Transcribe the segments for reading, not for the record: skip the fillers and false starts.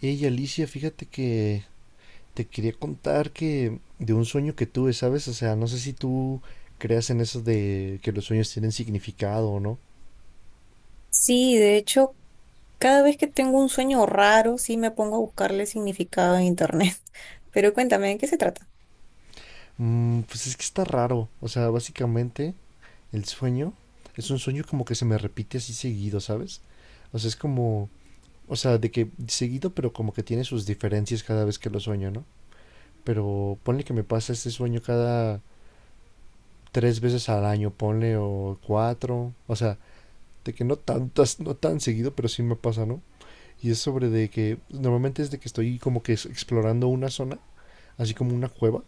Ey, Alicia, fíjate que te quería contar que de un sueño que tuve, ¿sabes? O sea, no sé si tú creas en eso de que los sueños tienen significado o no. Sí, de hecho, cada vez que tengo un sueño raro, sí me pongo a buscarle significado en internet. Pero cuéntame, ¿de qué se trata? Pues es que está raro. O sea, básicamente el sueño es un sueño como que se me repite así seguido, ¿sabes? O sea, es como, o sea, de que seguido, pero como que tiene sus diferencias cada vez que lo sueño, ¿no? Pero ponle que me pasa este sueño cada 3 veces al año, ponle o cuatro. O sea, de que no tantas, no tan seguido, pero sí me pasa, ¿no? Y es sobre de que normalmente es de que estoy como que explorando una zona, así como una cueva,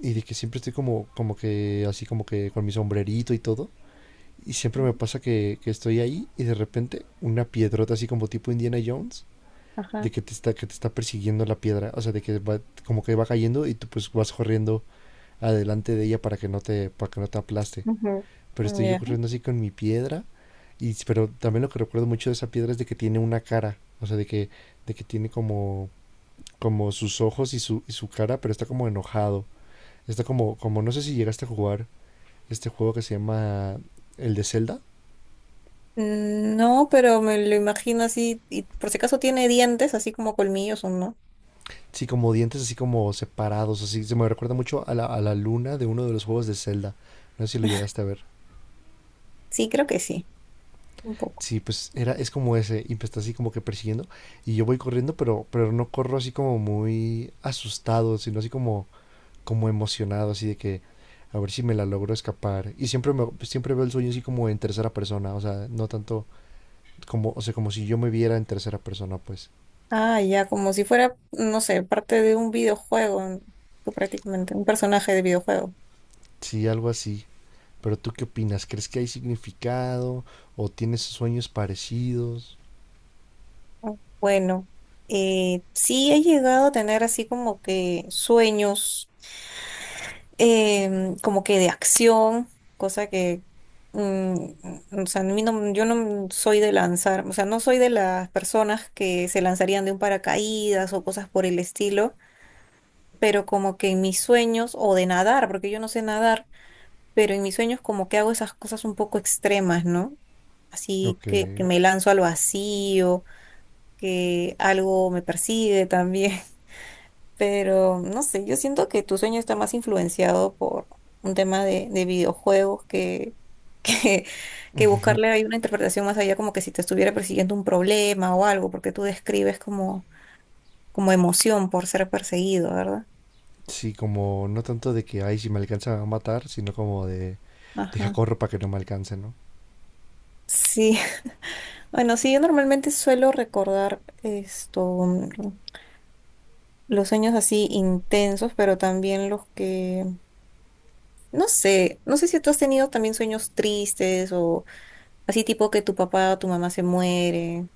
y de que siempre estoy como que así como que con mi sombrerito y todo. Y siempre me pasa que estoy ahí y de repente una piedrota así como tipo Indiana Jones de Ajá. que te está persiguiendo la piedra, o sea, de que va, como que va cayendo y tú pues vas corriendo adelante de ella para que no te aplaste. Ujú. Pero estoy yo Ya. corriendo así con mi piedra. Y, pero también lo que recuerdo mucho de esa piedra es de que tiene una cara, o sea, de que tiene como sus ojos y su cara, pero está como enojado. Está como, no sé si llegaste a jugar este juego que se llama el de Zelda. Mm, no, pero me lo imagino así, y por si acaso tiene dientes, así como colmillos o no. Sí, como dientes así como separados, así. Se me recuerda mucho a la luna de uno de los juegos de Zelda. No sé si lo llegaste a ver. Sí, creo que sí, un poco. Sí, pues era, es como ese, y me está así como que persiguiendo. Y yo voy corriendo, pero no corro así como muy asustado, sino así como como emocionado, así de que a ver si me la logro escapar. Y siempre, siempre veo el sueño así como en tercera persona, o sea, no tanto como, o sea, como si yo me viera en tercera persona, pues. Ah, ya, como si fuera, no sé, parte de un videojuego, tú prácticamente, un personaje de videojuego. Sí, algo así. ¿Pero tú qué opinas? ¿Crees que hay significado? ¿O tienes sueños parecidos? Bueno, sí he llegado a tener así como que sueños, como que de acción, cosa que, mm, mm, o sea, a mí no- yo no soy de lanzar, o sea, no soy de las personas que se lanzarían de un paracaídas o cosas por el estilo, pero como que en mis sueños, o de nadar, porque yo no sé nadar, pero en mis sueños como que hago esas cosas un poco extremas, ¿no? Así Ok. que me lanzo al vacío, que algo me persigue también. Pero no sé, yo siento que tu sueño está más influenciado por un tema de videojuegos que, que buscarle ahí una interpretación más allá, como que si te estuviera persiguiendo un problema o algo, porque tú describes como, como emoción por ser perseguido, ¿verdad? Sí, como no tanto de que, ay, si me alcanzan a matar, sino como deja Ajá. corro para que no me alcance, ¿no? Sí, bueno, sí, yo normalmente suelo recordar los sueños así intensos, pero también los que, no sé, no sé si tú has tenido también sueños tristes o así tipo que tu papá o tu mamá se muere.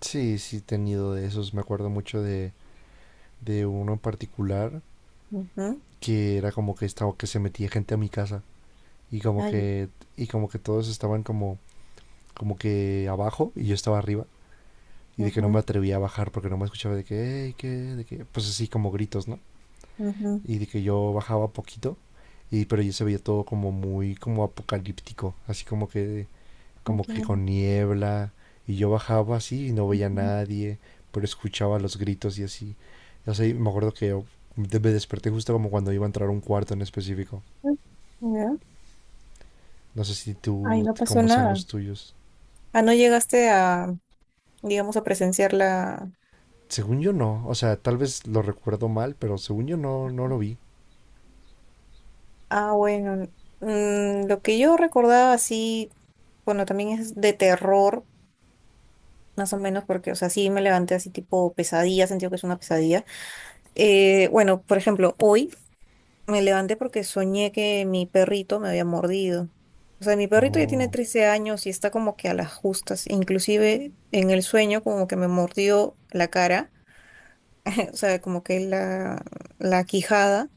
Sí, sí, he tenido de esos. Me acuerdo mucho de uno en particular Ujú. que era como que estaba, que se metía gente a mi casa y como Ay, que y como que todos estaban como que abajo y yo estaba arriba y de que no ujú, me atrevía a bajar porque no me escuchaba de que "Ey, ¿qué?" de que pues así como gritos, no. ujú. Y de que yo bajaba poquito y, pero yo se veía todo como muy como apocalíptico así como que Ay, como qué que miedo. con niebla. Y yo bajaba así y no veía a Ujú. nadie, pero escuchaba los gritos y así. No sé, me acuerdo que yo me desperté justo como cuando iba a entrar a un cuarto en específico. Ay, ya. No sé si Ay, tú no pasó cómo sean nada. los tuyos. Ah, no llegaste a, digamos, a presenciar la... Según yo no, o sea, tal vez lo recuerdo mal, pero según yo no, no lo vi. Ah, bueno. Lo que yo recordaba así, bueno, también es de terror, más o menos, porque, o sea, sí me levanté así tipo pesadilla, sentí que es una pesadilla. Bueno, por ejemplo, hoy. Me levanté porque soñé que mi perrito me había mordido. O sea, mi perrito ya tiene No, 13 años y está como que a las justas. Inclusive en el sueño como que me mordió la cara, o sea, como que la quijada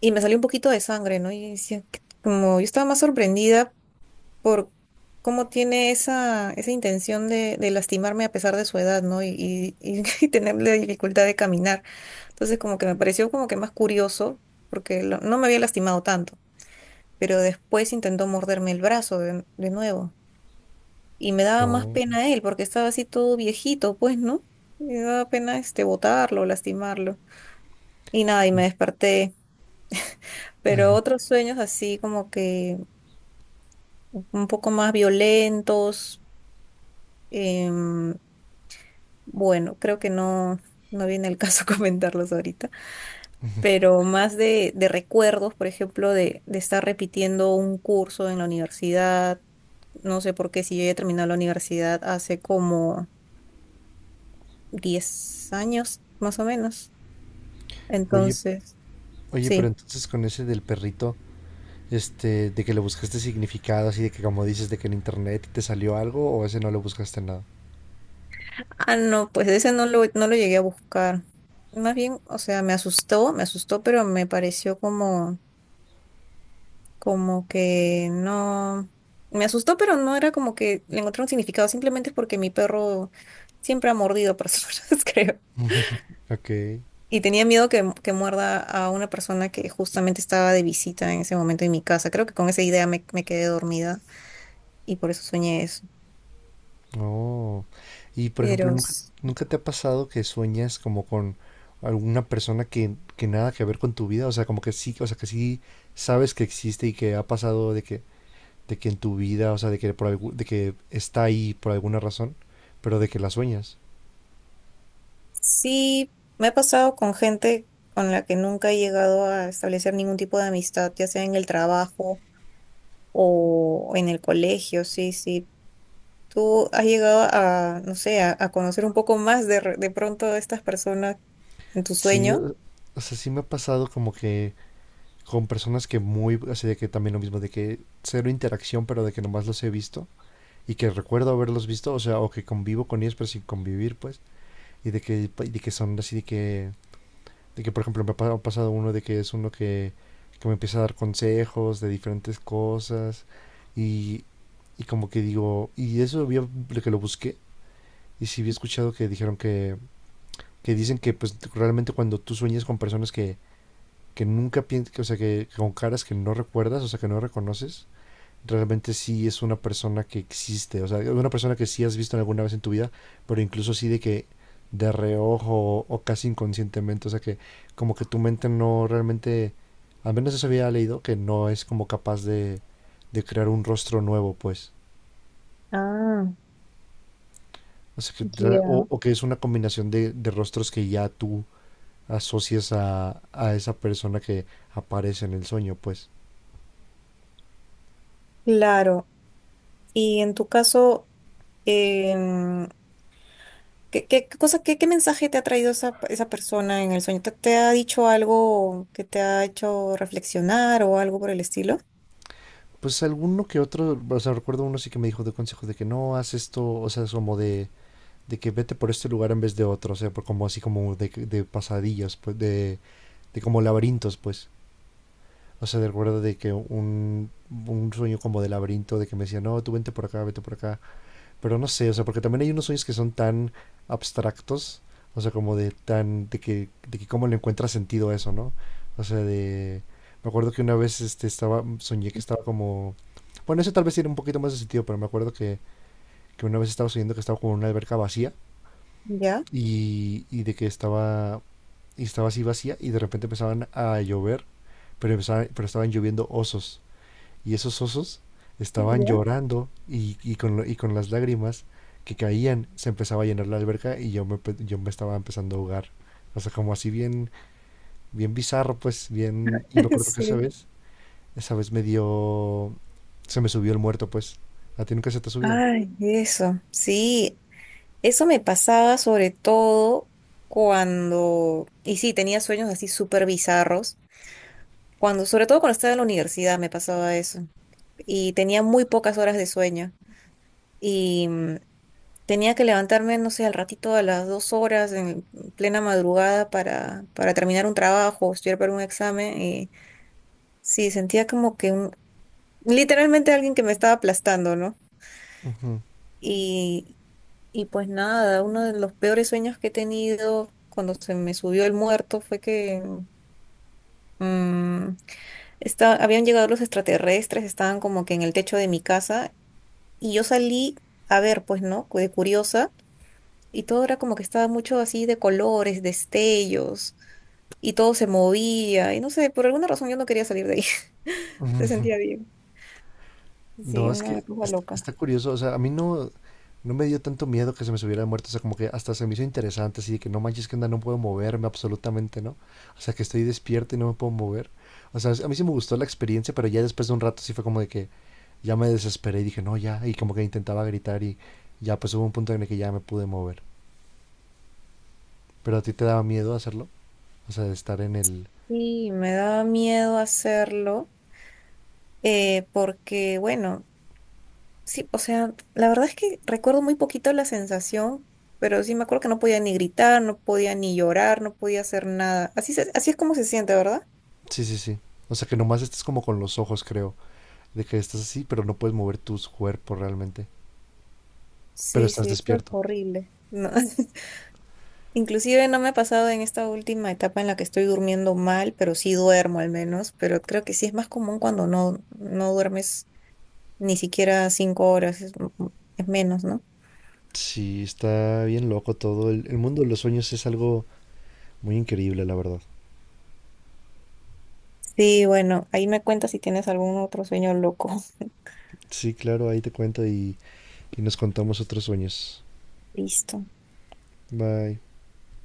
y me salió un poquito de sangre, ¿no? Y decía, "¿Qué?", como yo estaba más sorprendida por cómo tiene esa intención de lastimarme a pesar de su edad, ¿no? Y y tener la dificultad de caminar. Entonces como que me pareció como que más curioso porque no me había lastimado tanto, pero después intentó morderme el brazo de nuevo. Y me daba más no. pena él, porque estaba así todo viejito, pues, ¿no? Me daba pena este botarlo, lastimarlo. Y nada, y me desperté. Pero otros sueños así como que un poco más violentos. em, bueno, creo que no, no viene el caso comentarlos ahorita, pero más de recuerdos, por ejemplo, de estar repitiendo un curso en la universidad. No sé por qué, si yo ya he terminado la universidad hace como 10 años, más o menos. Oye, Entonces, oye, pero sí. entonces con ese del perrito, este, de que le buscaste significado, así de que como dices, de que en internet te salió algo, o ese no le buscaste nada. Ah, no, pues ese no lo llegué a buscar. Más bien, o sea, me asustó, pero me pareció como, como que no. Me asustó, pero no era como que le encontré un significado, simplemente es porque mi perro siempre ha mordido personas, creo. Ok. Y tenía miedo que muerda a una persona que justamente estaba de visita en ese momento en mi casa. Creo que con esa me quedé dormida y por eso soñé eso. Oh. Y por ejemplo, Pero ¿nunca, s- nunca te ha pasado que sueñas como con alguna persona que nada que ver con tu vida? O sea, como que sí, o sea, que sí sabes que existe y que ha pasado de que en tu vida, o sea, de que está ahí por alguna razón, pero de que la sueñas. sí, me ha pasado con gente con la que nunca he llegado a establecer ningún tipo de amistad, ya sea en el trabajo o en el colegio. Sí, sí. ¿Tú has llegado a, no sé, a conocer un poco más de, de pronto a estas personas en tu Sí, sueño? o sea, sí me ha pasado como que con personas que muy, así de que también lo mismo, de que cero interacción, pero de que nomás los he visto y que recuerdo haberlos visto, o sea, o que convivo con ellos, pero sin convivir, pues, y de que son así de que, por ejemplo, me ha pasado uno de que es uno que me empieza a dar consejos de diferentes cosas y, y como que digo, y eso había, de que lo busqué. Y sí había escuchado que dijeron que dicen que pues realmente cuando tú sueñas con personas que nunca piensas, o sea, que con caras que no recuerdas, o sea, que no reconoces, realmente sí es una persona que existe, o sea, una persona que sí has visto alguna vez en tu vida, pero incluso así de que de reojo o, casi inconscientemente, o sea, que como que tu mente no realmente, al menos eso había leído, que no es como capaz de crear un rostro nuevo, pues. Ah, O sea, que, tra- o, ya. o que es una combinación de rostros que ya tú asocias a esa persona que aparece en el sueño, pues. Claro. Y en tu caso... Em, ¿qué, qué cosa, qué, qué mensaje te ha traído esa persona en el sueño? ¿Te, te ha dicho algo que te ha hecho reflexionar o algo por el estilo? Pues alguno que otro, o sea, recuerdo uno sí que me dijo de consejo de que no, haz esto, o sea, es como de que vete por este lugar en vez de otro, o sea, por como así como de pasadillas, pues, de como laberintos, pues. O sea, recuerdo de que un sueño como de laberinto, de que me decía, no, tú vente por acá, vete por acá. Pero no sé, o sea, porque también hay unos sueños que son tan abstractos, o sea, como de tan, de que cómo le encuentra sentido a eso, ¿no? O sea, me acuerdo que una vez soñé que estaba como, bueno, eso tal vez tiene un poquito más de sentido, pero me acuerdo que una vez estaba soñando que estaba como en una alberca vacía ¿Ya? y, y de que estaba, y estaba así vacía y de repente empezaban a llover, pero estaban lloviendo osos y esos osos estaban Ya. llorando y con las lágrimas que caían se empezaba a llenar la alberca y yo me estaba empezando a ahogar. O sea, como así bien, bien bizarro, pues bien. Y me acuerdo que esa Sí. vez, esa vez me dio. Se me subió el muerto, pues. ¿A ti nunca se te ha subido? Ay, eso, sí, eso me pasaba sobre todo cuando, y sí, tenía sueños así súper bizarros, cuando, sobre todo cuando estaba en la universidad me pasaba eso, y tenía muy pocas horas de sueño. Tenía que levantarme, no sé, al ratito a las 2 horas en plena madrugada para terminar un trabajo, estudiar para un examen. Y sí, sentía como que un, literalmente alguien que me estaba aplastando, ¿no? Y, y pues nada, uno de los peores sueños que he tenido cuando se me subió el muerto fue que mm, habían llegado los extraterrestres, estaban como que en el techo de mi casa y yo salí a ver, pues, ¿no? De curiosa. Y todo era como que estaba mucho así de colores, destellos, y todo se movía, y no sé, por alguna razón yo no quería salir de ahí, se sentía bien. Sí, No, es que una cosa loca. está curioso, o sea, a mí no, no me dio tanto miedo que se me subiera de muerto, o sea, como que hasta se me hizo interesante, así de que no manches que onda, no puedo moverme absolutamente, ¿no? O sea, que estoy despierto y no me puedo mover. O sea, a mí sí me gustó la experiencia, pero ya después de un rato sí fue como de que ya me desesperé y dije, no, ya, y como que intentaba gritar y ya pues hubo un punto en el que ya me pude mover. Pero a ti te daba miedo hacerlo, o sea, de estar en el. Sí, me daba miedo hacerlo, porque bueno, sí, o sea, la verdad es que recuerdo muy poquito la sensación, pero sí me acuerdo que no podía ni gritar, no podía ni llorar, no podía hacer nada. Así, así es como se siente, ¿verdad? Sí, sí, sí. O sea, que nomás estás como con los ojos, creo, de que estás así, pero no puedes mover tus cuerpos realmente, pero Sí, estás sí, eso es despierto. horrible. No. Inclusive no me ha pasado en esta última etapa en la que estoy durmiendo mal, pero sí duermo al menos, pero creo que sí es más común cuando no, no duermes ni siquiera 5 horas, es, es menos, ¿no? Sí, está bien loco todo. El mundo de los sueños es algo muy increíble, la verdad. Sí, bueno, ahí me cuentas si tienes algún otro sueño loco. Sí, claro, ahí te cuento y nos contamos otros sueños. Listo. Bye.